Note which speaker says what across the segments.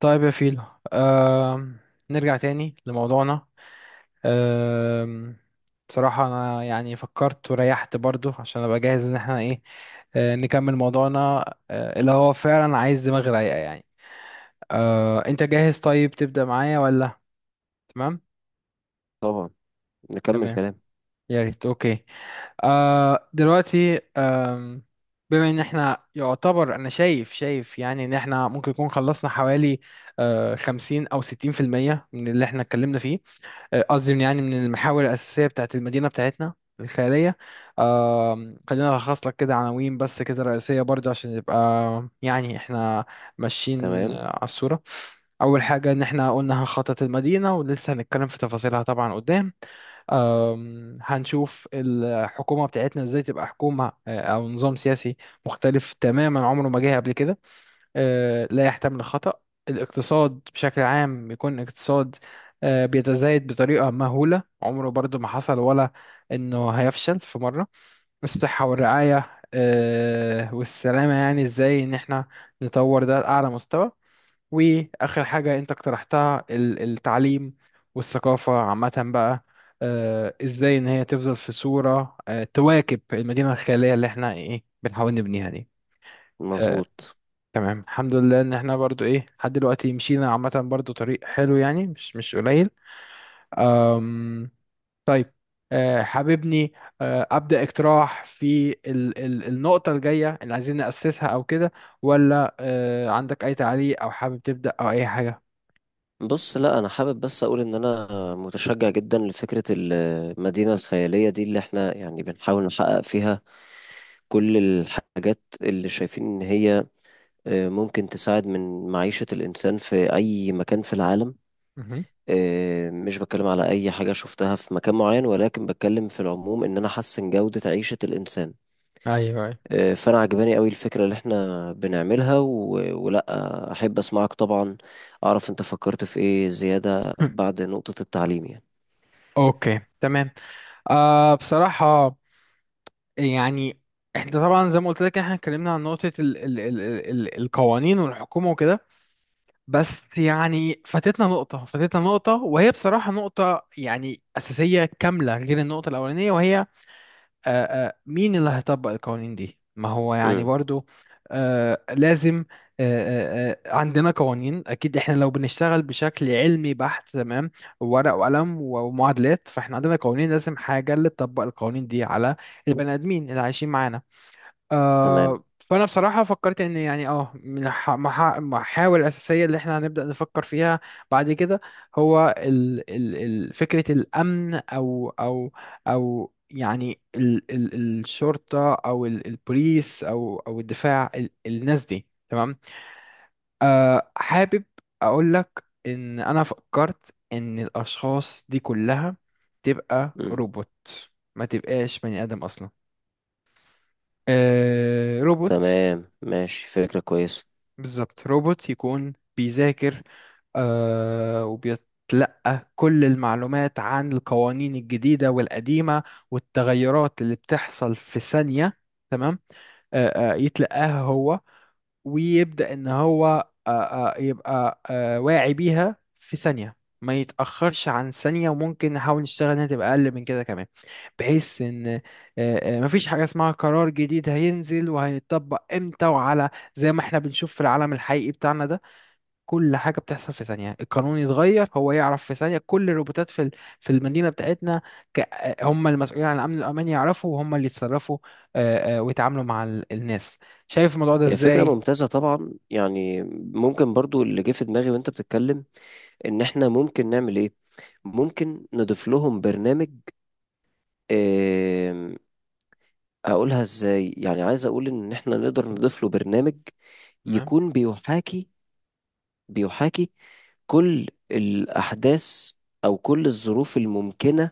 Speaker 1: طيب يا فيلو. آم، نرجع تاني لموضوعنا. آم، بصراحة أنا يعني فكرت وريحت برضو عشان أبقى جاهز إن احنا إيه، نكمل موضوعنا، اللي هو فعلا عايز دماغ رايقة يعني. أنت جاهز طيب، تبدأ معايا ولا؟ تمام.
Speaker 2: طبعا. نكمل
Speaker 1: تمام،
Speaker 2: كلام.
Speaker 1: يا ريت. أوكي. دلوقتي بما إن احنا يعتبر أنا شايف، يعني إن احنا ممكن نكون خلصنا حوالي 50 أو 60% من اللي احنا اتكلمنا فيه. قصدي يعني من المحاور الأساسية بتاعت المدينة بتاعتنا الخيالية. خلينا ألخص لك كده عناوين بس كده رئيسية برضو عشان يبقى يعني احنا ماشيين
Speaker 2: تمام.
Speaker 1: على الصورة. أول حاجة إن احنا قلنا هنخطط المدينة ولسه هنتكلم في تفاصيلها طبعا قدام. هنشوف الحكومة بتاعتنا إزاي تبقى حكومة، أو نظام سياسي مختلف تماما عمره ما جه قبل كده، لا يحتمل الخطأ. الاقتصاد بشكل عام يكون اقتصاد بيتزايد بطريقة مهولة، عمره برضو ما حصل، ولا إنه هيفشل في مرة. الصحة والرعاية والسلامة، يعني إزاي إن إحنا نطور ده لأعلى مستوى. وآخر حاجة أنت اقترحتها التعليم والثقافة عامة بقى، إزاي إن هي تفضل في صورة تواكب المدينة الخيالية اللي إحنا إيه بنحاول نبنيها دي. آه،
Speaker 2: مظبوط.
Speaker 1: تمام، الحمد لله ان احنا برضو ايه لحد دلوقتي مشينا عامة برضو طريق حلو، يعني مش قليل. أم طيب. حاببني ابدأ اقتراح في ال النقطة الجاية اللي عايزين نأسسها او كده؟ ولا عندك اي تعليق، او حابب تبدأ، او اي حاجة؟
Speaker 2: بص، لا انا حابب بس اقول ان انا متشجع جدا لفكرة المدينة الخيالية دي اللي احنا يعني بنحاول نحقق فيها كل الحاجات اللي شايفين ان هي ممكن تساعد من معيشة الانسان في اي مكان في العالم.
Speaker 1: مهم.
Speaker 2: مش بتكلم على اي حاجة شفتها في مكان معين، ولكن بتكلم في العموم ان انا احسن جودة عيشة الانسان.
Speaker 1: ايوه، ايوه.
Speaker 2: فانا عجباني قوي الفكره اللي احنا بنعملها ولا. احب اسمعك طبعا. اعرف انت فكرت في ايه زياده بعد نقطه التعليم يعني.
Speaker 1: اوكي، تمام. بصراحة يعني احنا طبعا زي ما قلت لك، احنا اتكلمنا عن نقطة ال القوانين والحكومة وكده. بس يعني فاتتنا نقطة، وهي بصراحة نقطة يعني أساسية كاملة غير النقطة الأولانية، وهي مين اللي هيطبق القوانين دي؟ ما هو يعني
Speaker 2: امم.
Speaker 1: برضو لازم عندنا قوانين، أكيد إحنا لو بنشتغل بشكل علمي بحت تمام، ورق وقلم ومعادلات، فإحنا عندنا قوانين، لازم حاجة اللي تطبق القوانين دي على البني آدمين اللي عايشين معانا.
Speaker 2: تمام.
Speaker 1: فانا بصراحه فكرت ان يعني من المحاور الاساسيه اللي احنا هنبدا نفكر فيها بعد كده هو ال ال ال فكره الامن، او يعني ال ال الشرطه، او البوليس، او الدفاع، الناس دي. تمام. حابب اقول لك ان انا فكرت ان الاشخاص دي كلها تبقى
Speaker 2: امم.
Speaker 1: روبوت، ما تبقاش بني ادم اصلا، روبوت.
Speaker 2: تمام، ماشي، فكره كويسه.
Speaker 1: بالظبط. روبوت يكون بيذاكر، وبيتلقى كل المعلومات عن القوانين الجديدة والقديمة والتغيرات اللي بتحصل في ثانية. تمام. يتلقاها هو ويبدأ إن هو يبقى واعي بيها في ثانية، ما يتأخرش عن ثانية، وممكن نحاول نشتغل إنها تبقى أقل من كده كمان. بحيث إن مفيش حاجة اسمها قرار جديد هينزل وهيتطبق إمتى وعلى، زي ما إحنا بنشوف في العالم الحقيقي بتاعنا ده. كل حاجة بتحصل في ثانية، القانون يتغير، هو يعرف في ثانية. كل الروبوتات في في المدينة بتاعتنا، هم المسؤولين عن الأمن الأمان، يعرفوا وهم اللي يتصرفوا ويتعاملوا مع الناس. شايف الموضوع ده
Speaker 2: هي فكره
Speaker 1: إزاي؟
Speaker 2: ممتازه طبعا، يعني ممكن برضو اللي جه في دماغي وانت بتتكلم ان احنا ممكن نعمل ايه. ممكن نضيف لهم برنامج. آم، هقولها ازاي، يعني عايز اقول ان احنا نقدر نضيف له برنامج
Speaker 1: تمام.
Speaker 2: يكون بيحاكي كل الأحداث أو كل الظروف الممكنة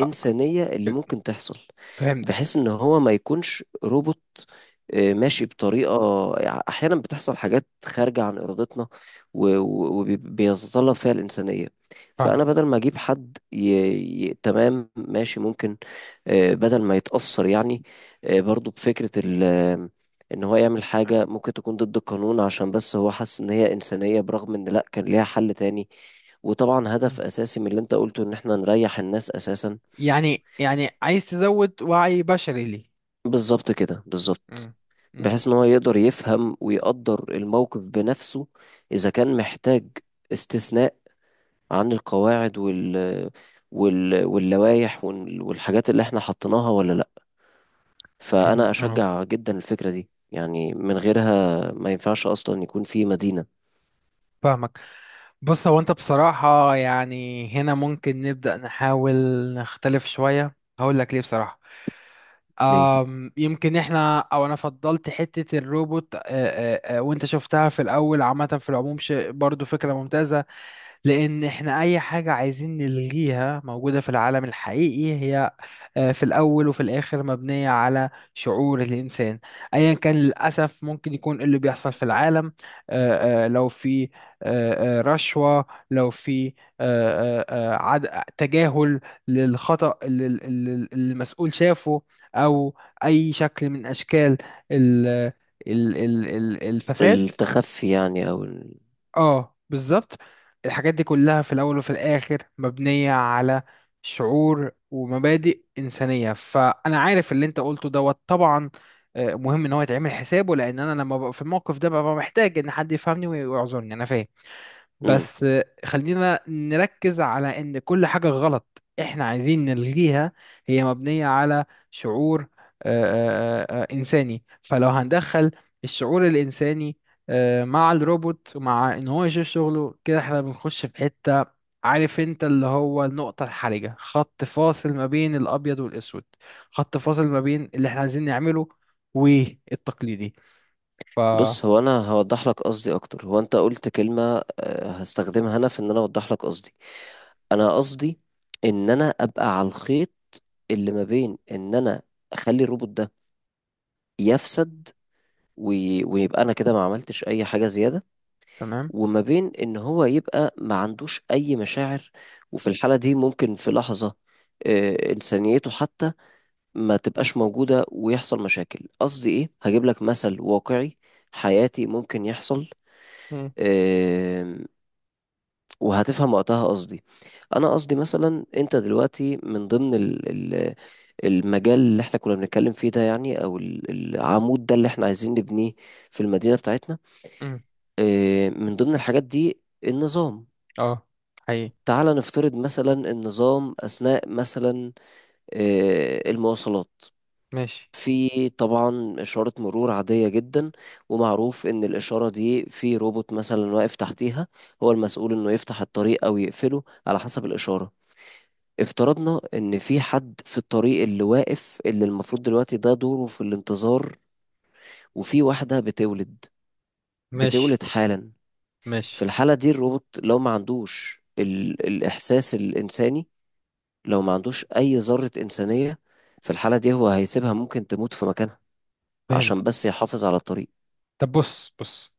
Speaker 1: آه،
Speaker 2: اللي ممكن تحصل،
Speaker 1: فهمتك،
Speaker 2: بحيث إن هو ما يكونش روبوت ماشي بطريقة، يعني أحيانا بتحصل حاجات خارجة عن إرادتنا وبيتطلب فيها الإنسانية.
Speaker 1: فاهم.
Speaker 2: فأنا بدل ما أجيب حد تمام، ماشي، ممكن. بدل ما يتأثر يعني برضو بفكرة ال... آه، إن هو يعمل حاجة ممكن تكون ضد القانون عشان بس هو حس إن هي إنسانية، برغم إن لأ كان ليها حل تاني. وطبعا هدف
Speaker 1: مم.
Speaker 2: اساسي من اللي انت قلته ان احنا نريح الناس اساسا.
Speaker 1: يعني عايز تزود وعي بشري ليه.
Speaker 2: بالظبط كده بالظبط.
Speaker 1: مم. مم.
Speaker 2: بحيث ان هو يقدر يفهم ويقدر الموقف بنفسه، اذا كان محتاج استثناء عن القواعد واللوائح والحاجات اللي احنا حطيناها، ولا لا.
Speaker 1: إن
Speaker 2: فانا اشجع جدا الفكرة دي، يعني من غيرها ما ينفعش اصلا يكون في مدينة.
Speaker 1: فاهمك. بص، هو انت بصراحة يعني هنا ممكن نبدأ نحاول نختلف شوية، هقول لك ليه بصراحة.
Speaker 2: ليه؟
Speaker 1: يمكن احنا او انا فضلت حتة الروبوت، وانت شفتها في الاول عامة، في العموم شيء برضو فكرة ممتازة. لان احنا اي حاجة عايزين نلغيها موجودة في العالم الحقيقي هي في الأول وفي الآخر مبنية على شعور الإنسان أيا كان. للأسف ممكن يكون اللي بيحصل في العالم لو في رشوة، لو في آه، آه، تجاهل للخطأ اللي المسؤول شافه، أو أي شكل من أشكال ال- الفساد.
Speaker 2: التخفي يعني، او
Speaker 1: اه، بالظبط. الحاجات دي كلها في الاول وفي الاخر مبنية على شعور ومبادئ انسانية. فانا عارف اللي انت قلته دوت طبعا، مهم ان هو يتعمل حسابه، لان انا لما ببقى في الموقف ده ببقى محتاج ان حد يفهمني ويعذرني، انا فاهم.
Speaker 2: ال...
Speaker 1: بس خلينا نركز على ان كل حاجة غلط احنا عايزين نلغيها هي مبنية على شعور آه، انساني. فلو هندخل الشعور الانساني مع الروبوت، ومع ان هو يشوف شغله كده احنا بنخش في حتة، عارف انت اللي هو النقطة الحرجة، خط فاصل ما بين الابيض والاسود، خط فاصل ما بين اللي احنا عايزين نعمله والتقليدي. ف
Speaker 2: بص، هو انا هوضح لك قصدي اكتر. هو انت قلت كلمة هستخدمها انا في ان انا اوضح لك قصدي. انا قصدي ان انا ابقى على الخيط اللي ما بين ان انا اخلي الروبوت ده يفسد ويبقى انا كده ما عملتش اي حاجة زيادة،
Speaker 1: تمام.
Speaker 2: وما بين ان هو يبقى ما عندوش اي مشاعر، وفي الحالة دي ممكن في لحظة انسانيته حتى ما تبقاش موجودة ويحصل مشاكل. قصدي ايه، هجيب لك مثل واقعي حياتي ممكن يحصل
Speaker 1: مم.
Speaker 2: وهتفهم وقتها قصدي. انا قصدي مثلا انت دلوقتي من ضمن ال ال المجال اللي احنا كنا بنتكلم فيه ده، يعني او العمود ده اللي احنا عايزين نبنيه في المدينة بتاعتنا.
Speaker 1: مم.
Speaker 2: من ضمن الحاجات دي النظام.
Speaker 1: اه، حقيقي.
Speaker 2: تعال نفترض مثلا النظام أثناء مثلا المواصلات.
Speaker 1: ماشي.
Speaker 2: في طبعا إشارة مرور عادية جدا، ومعروف إن الإشارة دي في روبوت مثلا واقف تحتيها، هو المسؤول إنه يفتح الطريق أو يقفله على حسب الإشارة. افترضنا ان في حد في الطريق اللي واقف، اللي المفروض دلوقتي ده دوره في الانتظار، وفي واحدة بتولد،
Speaker 1: ماشي.
Speaker 2: بتولد حالا. في
Speaker 1: ماشي.
Speaker 2: الحالة دي الروبوت لو ما عندوش الإحساس الإنساني، لو ما عندوش أي ذرة إنسانية، في الحالة دي هو هيسيبها ممكن تموت في مكانها
Speaker 1: فهمت.
Speaker 2: عشان بس يحافظ على الطريق.
Speaker 1: طب بص، بص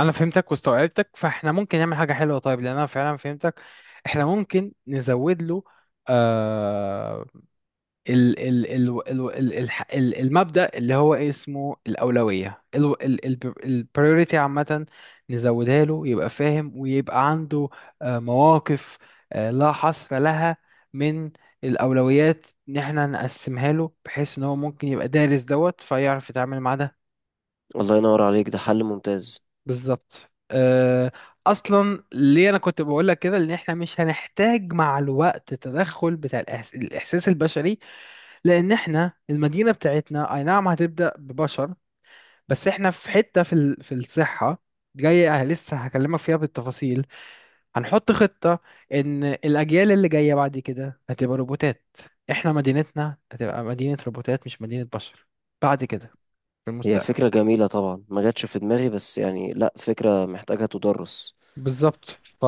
Speaker 1: انا فهمتك واستوعبتك، فاحنا ممكن نعمل حاجه حلوه طيب، لان انا فعلا فهمتك. احنا ممكن نزود له آه ال ال ال ال ال الح- ال المبدا اللي هو إيه اسمه، الاولويه، ال ال ال البريوريتي عامه، نزودها له يبقى فاهم ويبقى عنده مواقف لا حصر لها من الأولويات، إن إحنا نقسمها له بحيث إن هو ممكن يبقى دارس دوت فيعرف يتعامل مع ده.
Speaker 2: الله ينور عليك، ده حل ممتاز.
Speaker 1: بالظبط. اصلا ليه انا كنت بقول لك كده، ان احنا مش هنحتاج مع الوقت تدخل بتاع الاحساس البشري، لان احنا المدينه بتاعتنا اي نعم هتبدا ببشر، بس احنا في حته في في الصحه جايه لسه هكلمك فيها بالتفاصيل، هنحط خطه ان الاجيال اللي جايه بعد كده هتبقى روبوتات. احنا مدينتنا هتبقى مدينه روبوتات مش مدينه بشر بعد كده، في
Speaker 2: هي
Speaker 1: المستقبل.
Speaker 2: فكرة جميلة طبعا، ما جاتش في دماغي، بس يعني لا فكرة محتاجة تدرس.
Speaker 1: بالظبط.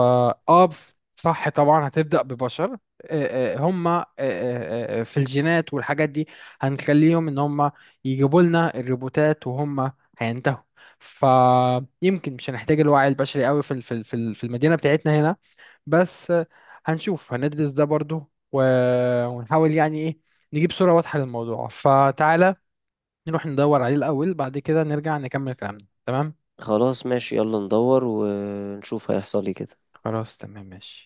Speaker 1: اه، صح. طبعا هتبدأ ببشر، هم في الجينات والحاجات دي هنخليهم ان هم يجيبوا لنا الروبوتات، وهم هينتهوا. فيمكن مش هنحتاج الوعي البشري قوي في في المدينة بتاعتنا هنا. بس هنشوف هندرس ده برضو، ونحاول يعني ايه، نجيب صورة واضحة للموضوع. فتعالى نروح ندور عليه الأول، بعد كده نرجع نكمل كلامنا. تمام.
Speaker 2: خلاص ماشي، يلا ندور ونشوف هيحصل ايه كده.
Speaker 1: خلاص، تمام، ماشي.